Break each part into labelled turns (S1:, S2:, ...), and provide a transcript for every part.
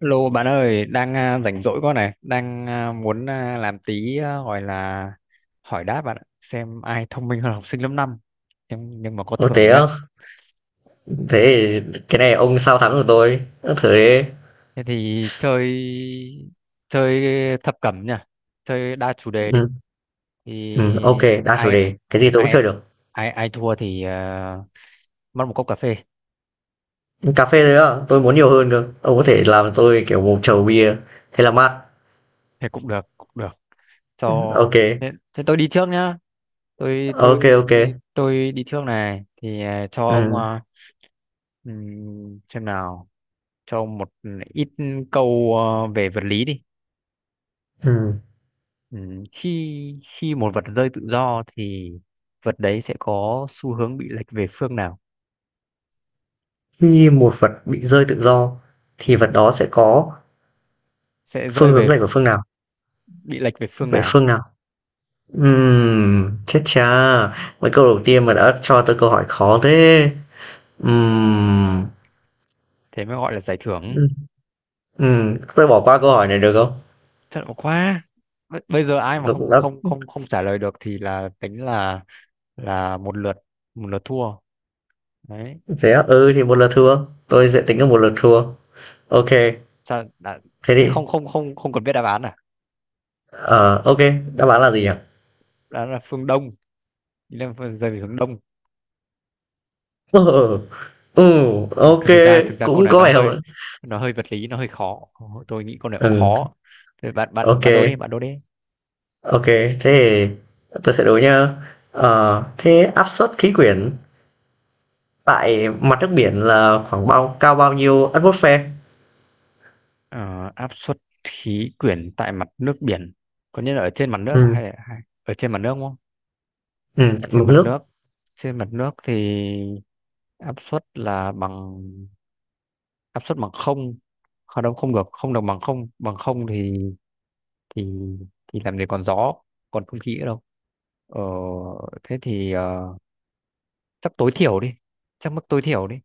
S1: Lô bạn ơi, đang à, rảnh rỗi con này, đang à, muốn à, làm tí à, gọi là hỏi đáp bạn ạ, xem ai thông minh hơn học sinh lớp 5, nhưng mà có
S2: Ô thế
S1: thưởng nhá.
S2: á, thế thì cái này ông sao thắng được tôi. Ơ, thế,
S1: Thế thì chơi chơi thập cẩm nhá, chơi đa chủ đề đi.
S2: ừ,
S1: Thì
S2: ừ, ok, đa chủ
S1: ai
S2: đề, cái gì tôi cũng chơi
S1: ai
S2: được.
S1: ai ai thua thì à, mất một cốc cà phê,
S2: Cà phê thôi á, tôi muốn nhiều hơn cơ. Ông có thể làm tôi kiểu một chầu bia, thế là mát.
S1: thế cũng được, cũng được. Cho
S2: Ok,
S1: thế tôi đi trước nhá. Tôi
S2: ok,
S1: tôi
S2: ok.
S1: tôi đi trước này thì à, cho ông
S2: Ừ,
S1: à, xem nào, cho ông một ít câu à, về vật lý đi.
S2: ừ.
S1: Khi khi một vật rơi tự do thì vật đấy sẽ có xu hướng bị lệch về phương nào?
S2: Khi một vật bị rơi tự do, thì
S1: Ừm,
S2: vật đó sẽ có
S1: sẽ rơi
S2: phương hướng
S1: về
S2: lệch của phương nào?
S1: bị lệch về phương
S2: Vậy
S1: nào?
S2: phương nào? Chết cha, mấy câu đầu tiên mà đã cho tôi câu hỏi khó thế.
S1: Thế,
S2: Ừm,
S1: thế mới gọi là giải thưởng.
S2: ừm, tôi bỏ qua câu hỏi này được không?
S1: Thật ổn quá. Bây giờ ai mà
S2: Nó cũng
S1: không
S2: đã
S1: không không không trả lời được thì là tính là là một lượt thua. Đấy.
S2: thế á? Ừ, thì một lượt thua, tôi sẽ tính là một lượt thua. Ok,
S1: Sao đã,
S2: thế
S1: thế
S2: thì
S1: không không không không cần biết đáp án à?
S2: ờ, ok, đáp án là gì nhỉ?
S1: Đó là phương Đông, ý là rơi về hướng Đông.
S2: Ừ, ừ,
S1: Ừ,
S2: ok,
S1: thực ra câu
S2: cũng
S1: này
S2: có
S1: nó
S2: vẻ
S1: hơi
S2: hợp.
S1: nó hơi vật lý, nó hơi khó. Tôi nghĩ câu này cũng
S2: Ừ,
S1: khó. Thế bạn bạn
S2: ok,
S1: bạn đố đi, bạn đố đi.
S2: ok, thế thì tôi sẽ đố nhá. Ờ, thế áp suất khí quyển tại mặt nước biển là khoảng bao nhiêu atmosphere?
S1: Ờ, áp suất khí quyển tại mặt nước biển. Có nghĩa là ở trên mặt nước à
S2: Ừ,
S1: hay là ở trên mặt nước không?
S2: ừ, tại
S1: trên
S2: mực
S1: mặt
S2: nước.
S1: nước trên mặt nước thì áp suất là bằng, áp suất bằng không, không đâu, không được bằng không, bằng không thì thì làm gì còn gió, còn không khí nữa đâu. Ờ, thế thì ờ, chắc tối thiểu đi, chắc mức tối thiểu đi,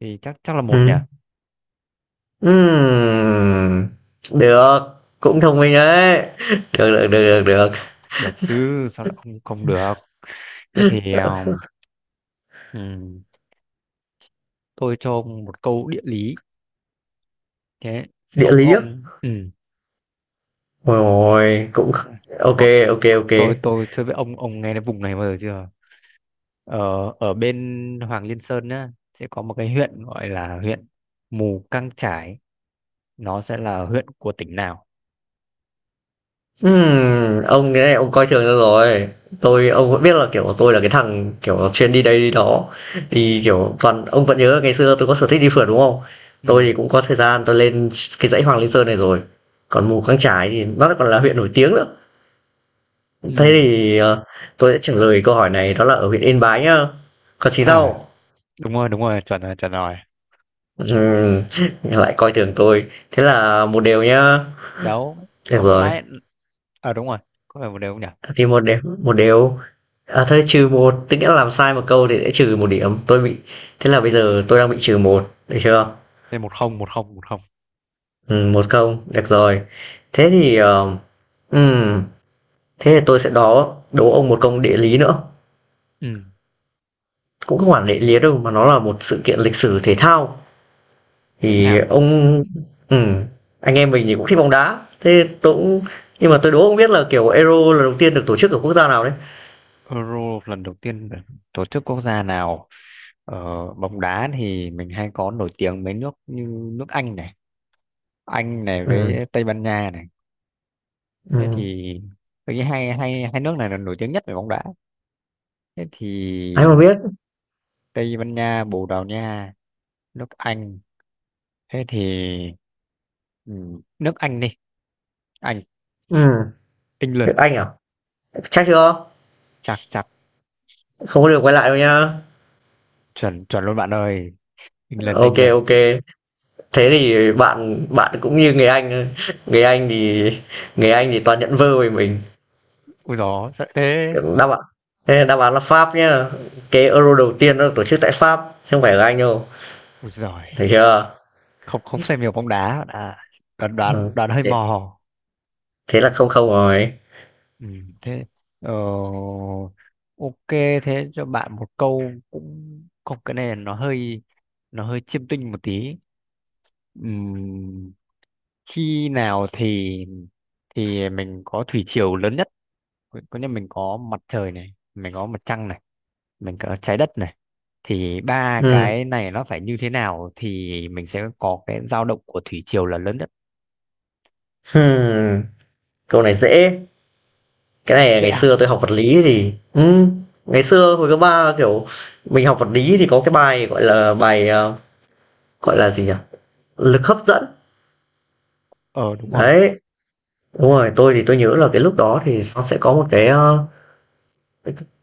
S1: thì chắc chắc là một nhỉ.
S2: Ừ. Ừm, được, cũng thông minh đấy. Được,
S1: Không-
S2: được, được, được,
S1: không-
S2: được.
S1: không được chứ, sao lại không không được? Thế thì ừm, tôi cho ông một câu địa lý, thế
S2: Địa
S1: ông
S2: lý á.
S1: ông
S2: Ôi ôi, cũng ok
S1: ừ.
S2: ok ok.
S1: Tôi chơi với ông nghe đến vùng này bao giờ chưa? Ở ở bên Hoàng Liên Sơn nhá, sẽ có một cái huyện gọi là huyện Mù Căng Chải, nó sẽ là huyện của tỉnh nào?
S2: Ông cái này ông coi thường tôi rồi. Ông vẫn biết là, kiểu, tôi là cái thằng, kiểu, chuyên đi đây đi đó, thì, kiểu, toàn ông vẫn nhớ ngày xưa tôi có sở thích đi phượt, đúng không? Tôi
S1: Ừ,
S2: thì cũng có thời gian tôi lên cái dãy Hoàng Liên Sơn này rồi, còn Mù Căng Chải thì nó còn là huyện nổi tiếng nữa.
S1: ừ,
S2: Thế thì, tôi sẽ trả lời câu hỏi này đó là ở huyện Yên Bái nhá. Còn chị
S1: ờ
S2: sao?
S1: đúng rồi, đúng rồi, chuẩn rồi, chuẩn rồi.
S2: Ừm, lại coi thường tôi. Thế là một điều nhá.
S1: đấu
S2: Được
S1: ông
S2: rồi.
S1: nãy, ờ đúng rồi, có phải một đều không nhỉ?
S2: Thì một điểm một đều. À thôi trừ một tức nghĩa là làm sai một câu thì sẽ trừ một điểm. Tôi bị Thế là bây giờ tôi đang bị trừ một được chưa?
S1: Thế một không, một không, một không.
S2: 1-0, được rồi. Thế thì, ừm, thế thì tôi sẽ đố đố ông một câu địa lý nữa.
S1: Ừ,
S2: Cũng không hẳn địa lý đâu mà nó là một sự kiện lịch sử thể thao.
S1: thể
S2: Thì
S1: thao.
S2: ông ừm, anh em mình thì cũng thích bóng đá, thế tôi cũng nhưng mà tôi đố ông biết là, kiểu, Euro lần đầu tiên được tổ chức ở quốc gia nào đấy?
S1: Euro lần đầu tiên được tổ chức quốc gia nào, ở bóng đá thì mình hay có nổi tiếng mấy nước như nước Anh này, Anh này
S2: Ừm,
S1: với Tây Ban Nha này, thế
S2: ừm,
S1: thì tôi nghĩ hai hai hai nước này là nổi tiếng nhất về bóng đá, thế thì
S2: ai mà biết.
S1: Tây Ban Nha, Bồ Đào Nha, nước Anh, thế thì ừ, nước Anh đi, Anh,
S2: Ừm,
S1: England.
S2: Anh à? Chắc chưa?
S1: Chặt chặt
S2: Không có được quay lại đâu nhá.
S1: chuẩn, chuẩn luôn bạn ơi, England,
S2: OK,
S1: England.
S2: OK. Thế thì bạn bạn cũng như người Anh thôi. Người Anh thì toàn nhận vơ về mình.
S1: Ui gió sợ thế.
S2: Đáp án Thế đáp án là Pháp nhá. Cái Euro đầu tiên nó được tổ chức tại Pháp, chứ không phải ở Anh đâu.
S1: Ui giời,
S2: Thấy chưa?
S1: không không xem nhiều bóng đá bạn ạ. Đoán, đoán,
S2: Ừm,
S1: đoán hơi
S2: thế
S1: mò.
S2: thế là không không rồi.
S1: Ừ, thế ờ, ok, thế cho bạn một câu, cũng không, cái này nó hơi chiêm tinh một tí. Ừm, khi nào thì mình có thủy triều lớn nhất, có nghĩa mình có mặt trời này, mình có mặt trăng này, mình có trái đất này, thì ba
S2: Ừm,
S1: cái này nó phải như thế nào thì mình sẽ có cái dao động của thủy triều là lớn nhất.
S2: hừm, câu này dễ. Cái này
S1: Dễ
S2: ngày
S1: à?
S2: xưa tôi học vật lý thì ngày xưa hồi cấp 3 kiểu, mình học vật lý thì có cái bài, gọi là, bài, gọi là gì nhỉ? Lực hấp dẫn.
S1: Ờ đúng rồi,
S2: Đấy, đúng rồi, tôi thì tôi nhớ là cái lúc đó thì nó sẽ có một cái,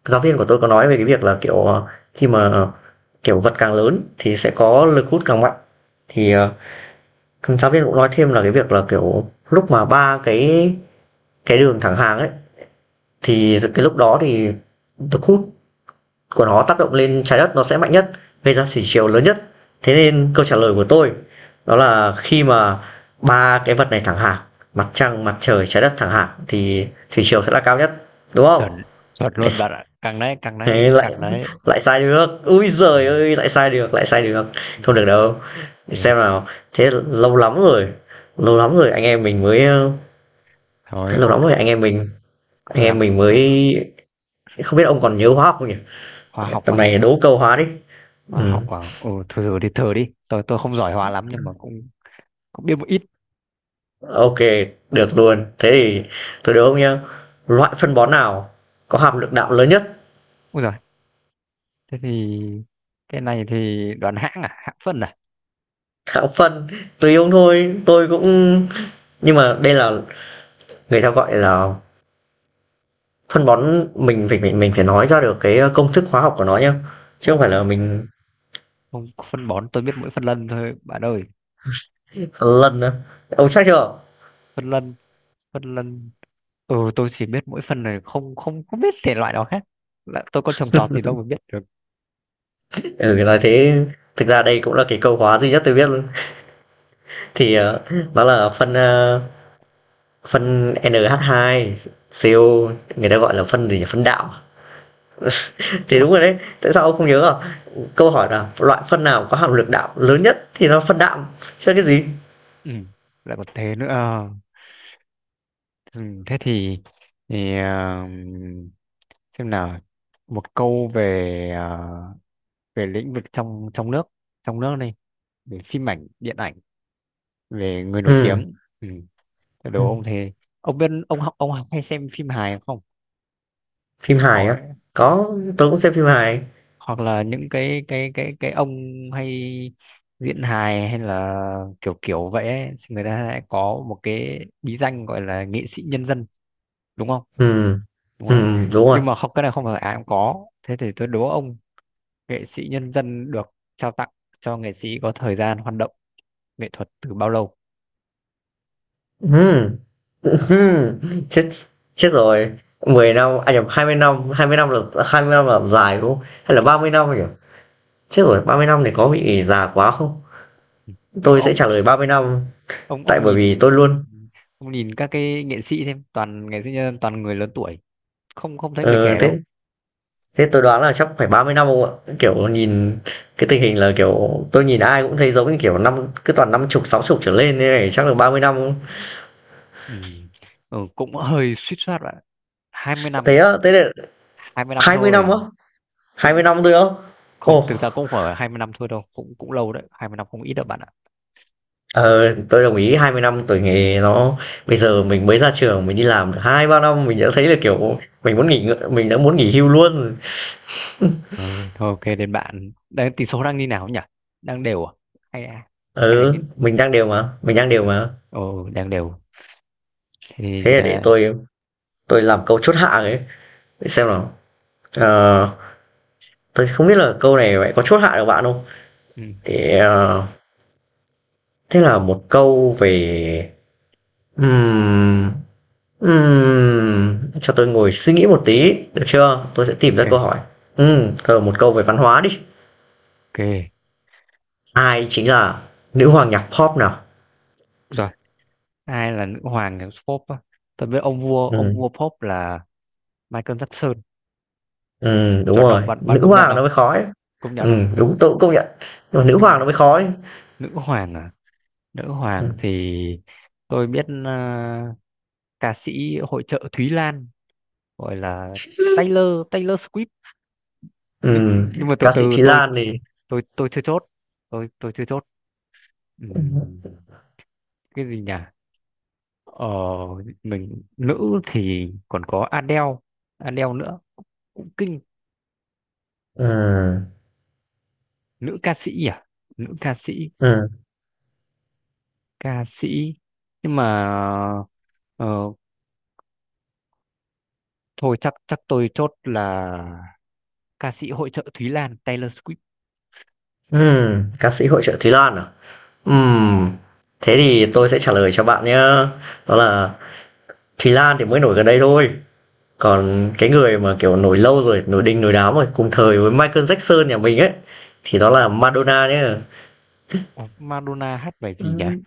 S2: giáo viên của tôi có nói về cái việc là, kiểu, khi mà, kiểu, vật càng lớn thì sẽ có lực hút càng mạnh. Thì, giáo viên cũng nói thêm là cái việc là, kiểu, lúc mà ba cái đường thẳng hàng ấy, thì cái lúc đó thì lực hút của nó tác động lên Trái Đất nó sẽ mạnh nhất, gây ra thủy triều lớn nhất. Thế nên câu trả lời của tôi đó là khi mà 3 cái vật này thẳng hàng, mặt trăng, mặt trời, Trái Đất thẳng hàng thì thủy triều sẽ là cao nhất, đúng không?
S1: chuẩn chuẩn
S2: Lại
S1: luôn bạn ạ, càng đấy, càng
S2: thế
S1: đấy,
S2: lại
S1: càng đấy.
S2: lại sai được. Ui
S1: Ừ,
S2: giời ơi, lại sai được, lại sai được.
S1: ừ,
S2: Không được đâu, để
S1: thế
S2: xem
S1: thì
S2: nào. Thế lâu lắm rồi anh em mình mới,
S1: thôi
S2: lâu
S1: ok,
S2: lắm rồi anh em mình anh em
S1: làm
S2: mình
S1: làm
S2: mới không biết ông còn nhớ hóa học không nhỉ?
S1: hóa học
S2: Tầm
S1: à?
S2: này đố câu hóa đi.
S1: Hóa
S2: Ừm,
S1: học à? Ừ, thử thử đi, thử đi, tôi không giỏi hóa lắm nhưng mà cũng cũng biết một ít.
S2: ô được luôn. Thế thì tôi đố ông nhá. Loại phân bón nào có hàm lượng đạm lớn nhất?
S1: Thế thì cái này thì đoán hãng à, hãng phân à?
S2: Hạng phân, tùy ông thôi, tôi cũng nhưng mà đây là người ta gọi là phân bón mình phải nói ra được cái công thức hóa học của nó nhá, chứ không phải
S1: Ô,
S2: là
S1: không, phân bón tôi biết mỗi phân lân thôi bạn ơi.
S2: lần nữa. Ông chắc chưa?
S1: Phân lân, phân lân, ừ, tôi chỉ biết mỗi phân này, không không không biết thể loại nào khác, là tôi có trồng trọt thì đâu mà biết được.
S2: Ừ, nói thế, thực ra đây cũng là cái câu hóa duy nhất tôi biết luôn. Thì đó là phân NH2 CO, người ta gọi là phân gì nhỉ? Phân đạo
S1: Ờ,
S2: thì đúng rồi đấy, tại sao ông không nhớ à? Câu hỏi là loại phân nào có hàm lượng đạo lớn nhất thì nó phân đạm chứ cái gì.
S1: ừ, lại còn thế nữa. Ờ, ừ, thế thì thì ờ, xem nào, một câu về về lĩnh vực trong trong nước này, về phim ảnh, điện ảnh, về người nổi
S2: Ừ.
S1: tiếng. Ừ, đồ ông thề, ông biết ông học, ông hay xem phim hài không?
S2: Phim
S1: Sẽ
S2: hài
S1: có,
S2: á? Có, tôi cũng xem phim hài.
S1: hoặc là những cái ông hay diễn hài hay là kiểu kiểu vậy ấy, thì người ta lại có một cái bí danh gọi là nghệ sĩ nhân dân, đúng không?
S2: Ừ,
S1: Đúng
S2: ừ,
S1: đấy,
S2: đúng rồi.
S1: nhưng mà không, cái này không phải ai cũng có, thế thì tôi đố ông, nghệ sĩ nhân dân được trao tặng cho nghệ sĩ có thời gian hoạt động nghệ thuật từ bao lâu?
S2: Ừ. Chết, rồi. Mười năm, anh à nhầm, mươi năm, 20 năm là 20 năm là dài, đúng không? Hay là 30 năm nhỉ? Chết rồi, 30 năm thì có bị già quá không?
S1: Ừ, nhưng mà
S2: Tôi sẽ trả lời 30 năm,
S1: ông
S2: tại
S1: ông
S2: bởi
S1: nhìn
S2: vì tôi luôn
S1: ông nhìn các cái nghệ sĩ xem, toàn nghệ sĩ nhân dân toàn người lớn tuổi, không không thấy người
S2: ờ,
S1: trẻ
S2: thế
S1: đâu.
S2: thế tôi đoán là chắc phải 30 năm không ạ? Kiểu nhìn cái tình hình là kiểu tôi nhìn ai cũng thấy giống như kiểu năm cứ toàn năm chục, sáu chục trở lên thế này chắc là 30 năm.
S1: Ừ, ừ, cũng hơi suýt soát bạn, 20
S2: Thế
S1: năm
S2: á, thế là
S1: 20 năm
S2: 20 năm á?
S1: thôi.
S2: Hai
S1: Cũng
S2: mươi năm tôi á?
S1: không,
S2: Ồ,
S1: thực ra cũng không phải 20 năm thôi đâu, cũng cũng lâu đấy, 20 năm không ít đâu bạn ạ.
S2: Ờ, tôi đồng ý 20 năm tuổi nghề nó bây giờ mình mới ra trường mình đi làm được 2 3 năm mình đã thấy là kiểu mình đã muốn nghỉ hưu luôn.
S1: Rồi, thôi ok, đến bạn, đang tỷ số đang như nào nhỉ, đang đều à hay à? Hay là như
S2: Ừ, mình đang đều mà, mình đang
S1: đang
S2: đều
S1: đều.
S2: mà.
S1: Ồ đang đều. Thế
S2: Thế
S1: thì
S2: là để
S1: ờ,
S2: tôi làm câu chốt hạ ấy, để xem nào. Ờ, tôi không biết là câu này vậy có chốt hạ được bạn không?
S1: ừ, ừ,
S2: Để ờ, thế là một câu về ừm cho tôi ngồi suy nghĩ một tí được chưa? Tôi sẽ tìm ra câu hỏi.
S1: ok,
S2: Ừ, một câu về văn hóa đi.
S1: ok
S2: Ai chính là nữ hoàng nhạc pop nào?
S1: rồi, ai là nữ hoàng của pop á? Tôi biết ông vua ông
S2: Ừm,
S1: vua pop là Michael Jackson,
S2: đúng
S1: chuẩn không
S2: rồi,
S1: bạn, bạn
S2: nữ
S1: công nhận
S2: hoàng
S1: không,
S2: nó mới khó ấy.
S1: công nhận không?
S2: Đúng, tôi cũng công nhận, nhưng mà nữ
S1: Nhưng
S2: hoàng nó mới khó ấy.
S1: nữ hoàng à? Nữ hoàng
S2: Ừm.
S1: thì tôi biết ờ, ca sĩ hội chợ Thúy Lan gọi là Taylor Taylor Swift. nhưng
S2: Ừm,
S1: nhưng mà từ
S2: ca sĩ
S1: từ,
S2: Thúy
S1: tôi
S2: Lan thì
S1: tôi tôi chưa chốt, tôi chưa chốt.
S2: ừm hứm,
S1: Ừm, cái gì nhỉ, ờ, mình nữ thì còn có Adele Adele nữa, cũng kinh.
S2: ừm,
S1: Nữ ca sĩ à nữ ca sĩ ca sĩ, nhưng mà ờ, thôi chắc chắc tôi chốt là ca sĩ hội chợ Thúy Lan, Taylor Swift.
S2: ca sĩ hội chợ Thúy Lan à? Ừm, thế thì tôi sẽ trả lời cho bạn nhá, đó là Thúy Lan thì mới nổi gần đây thôi, còn cái người mà, kiểu, nổi lâu rồi, nổi đình nổi đám rồi, cùng thời với Michael Jackson nhà mình ấy, thì đó là Madonna nhá.
S1: Ủa, Madonna hát bài gì nhỉ?
S2: Ừm.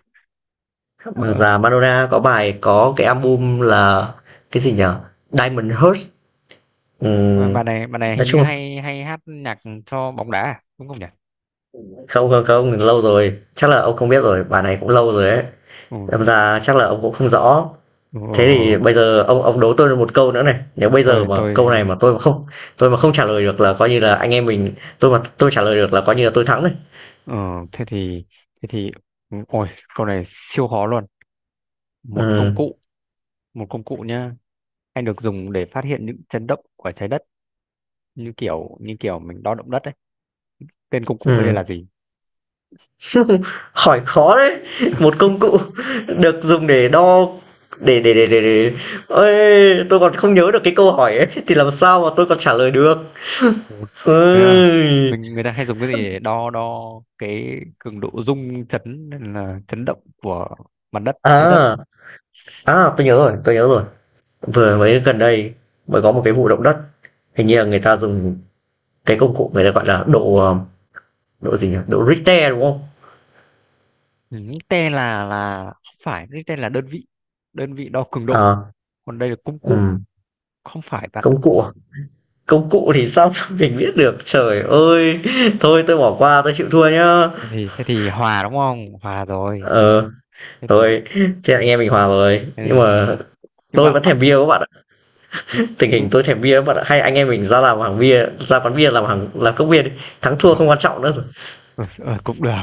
S2: Bà
S1: Ờ,
S2: già Madonna có cái album là cái gì nhở? Diamond Hearts.
S1: mà
S2: Ừm,
S1: bà này hình
S2: nói
S1: như
S2: chung là
S1: hay hay hát nhạc cho bóng đá à? Đúng không nhỉ?
S2: không không không lâu rồi, chắc là ông không biết rồi, bài này cũng lâu rồi ấy.
S1: Ừ,
S2: Đâm ra chắc là ông cũng không rõ.
S1: ừ, ừ,
S2: Thế
S1: ừ.
S2: thì bây giờ ông đố tôi một câu nữa này. Nếu bây giờ
S1: tôi
S2: mà câu
S1: tôi
S2: này mà tôi mà không trả lời được là coi như là anh em mình tôi trả lời được là coi như là tôi thắng rồi.
S1: ờ, thế thì thế thì ừ, ôi câu này siêu khó luôn. Một công
S2: Ừ.
S1: cụ, một công cụ nhá, anh được dùng để phát hiện những chấn động của trái đất, như kiểu, như kiểu mình đo động đất ấy. Tên công
S2: Ừ.
S1: cụ ấy đây là gì?
S2: Hỏi khó đấy, một công cụ được dùng để đo, để ôi, tôi còn không nhớ được cái câu hỏi ấy thì làm sao mà tôi còn trả lời được.
S1: Một. Yeah.
S2: Ôi.
S1: Mình, người ta hay dùng cái gì để đo đo cái cường độ rung chấn hay là chấn động của mặt đất, trái đất?
S2: À, tôi nhớ rồi, tôi nhớ rồi. Vừa mới gần đây mới có một cái vụ động đất, hình như là người ta dùng cái công cụ người ta gọi là độ gì nhỉ? Độ Richter đúng không?
S1: Ừ, T là không phải, cái tên là đơn vị đo cường độ,
S2: Ờ,
S1: còn đây là công cụ,
S2: ừm,
S1: không phải bạn ạ.
S2: công cụ à? Công cụ thì sao mình biết được. Trời ơi, thôi tôi bỏ qua, tôi chịu thua nhá.
S1: thế thì hòa đúng không, hòa rồi.
S2: Ờ.
S1: thế thì,
S2: Thôi, thế anh em mình hòa rồi. Nhưng
S1: thế thì thế-
S2: mà
S1: nhưng
S2: tôi
S1: mà
S2: vẫn
S1: bạn,
S2: thèm bia các bạn ạ. Tình hình tôi thèm bia các bạn ạ. Hay anh em mình ra làm hàng bia, ra quán bia làm hàng làm cốc bia đi. Thắng thua
S1: ờ,
S2: không quan trọng nữa rồi.
S1: ờ, cũng được.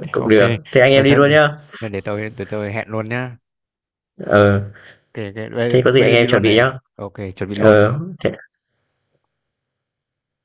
S1: Thế
S2: Cũng
S1: ok,
S2: được. Thế anh
S1: để
S2: em đi
S1: tôi
S2: luôn nhá.
S1: để tôi hẹn luôn nhá.
S2: Ờ,
S1: Ok, ok. Bây,
S2: thế có gì
S1: bây
S2: anh
S1: giờ đi
S2: em
S1: luôn
S2: chuẩn bị
S1: này,
S2: nhá.
S1: ok chuẩn bị luôn.
S2: Ờ, thế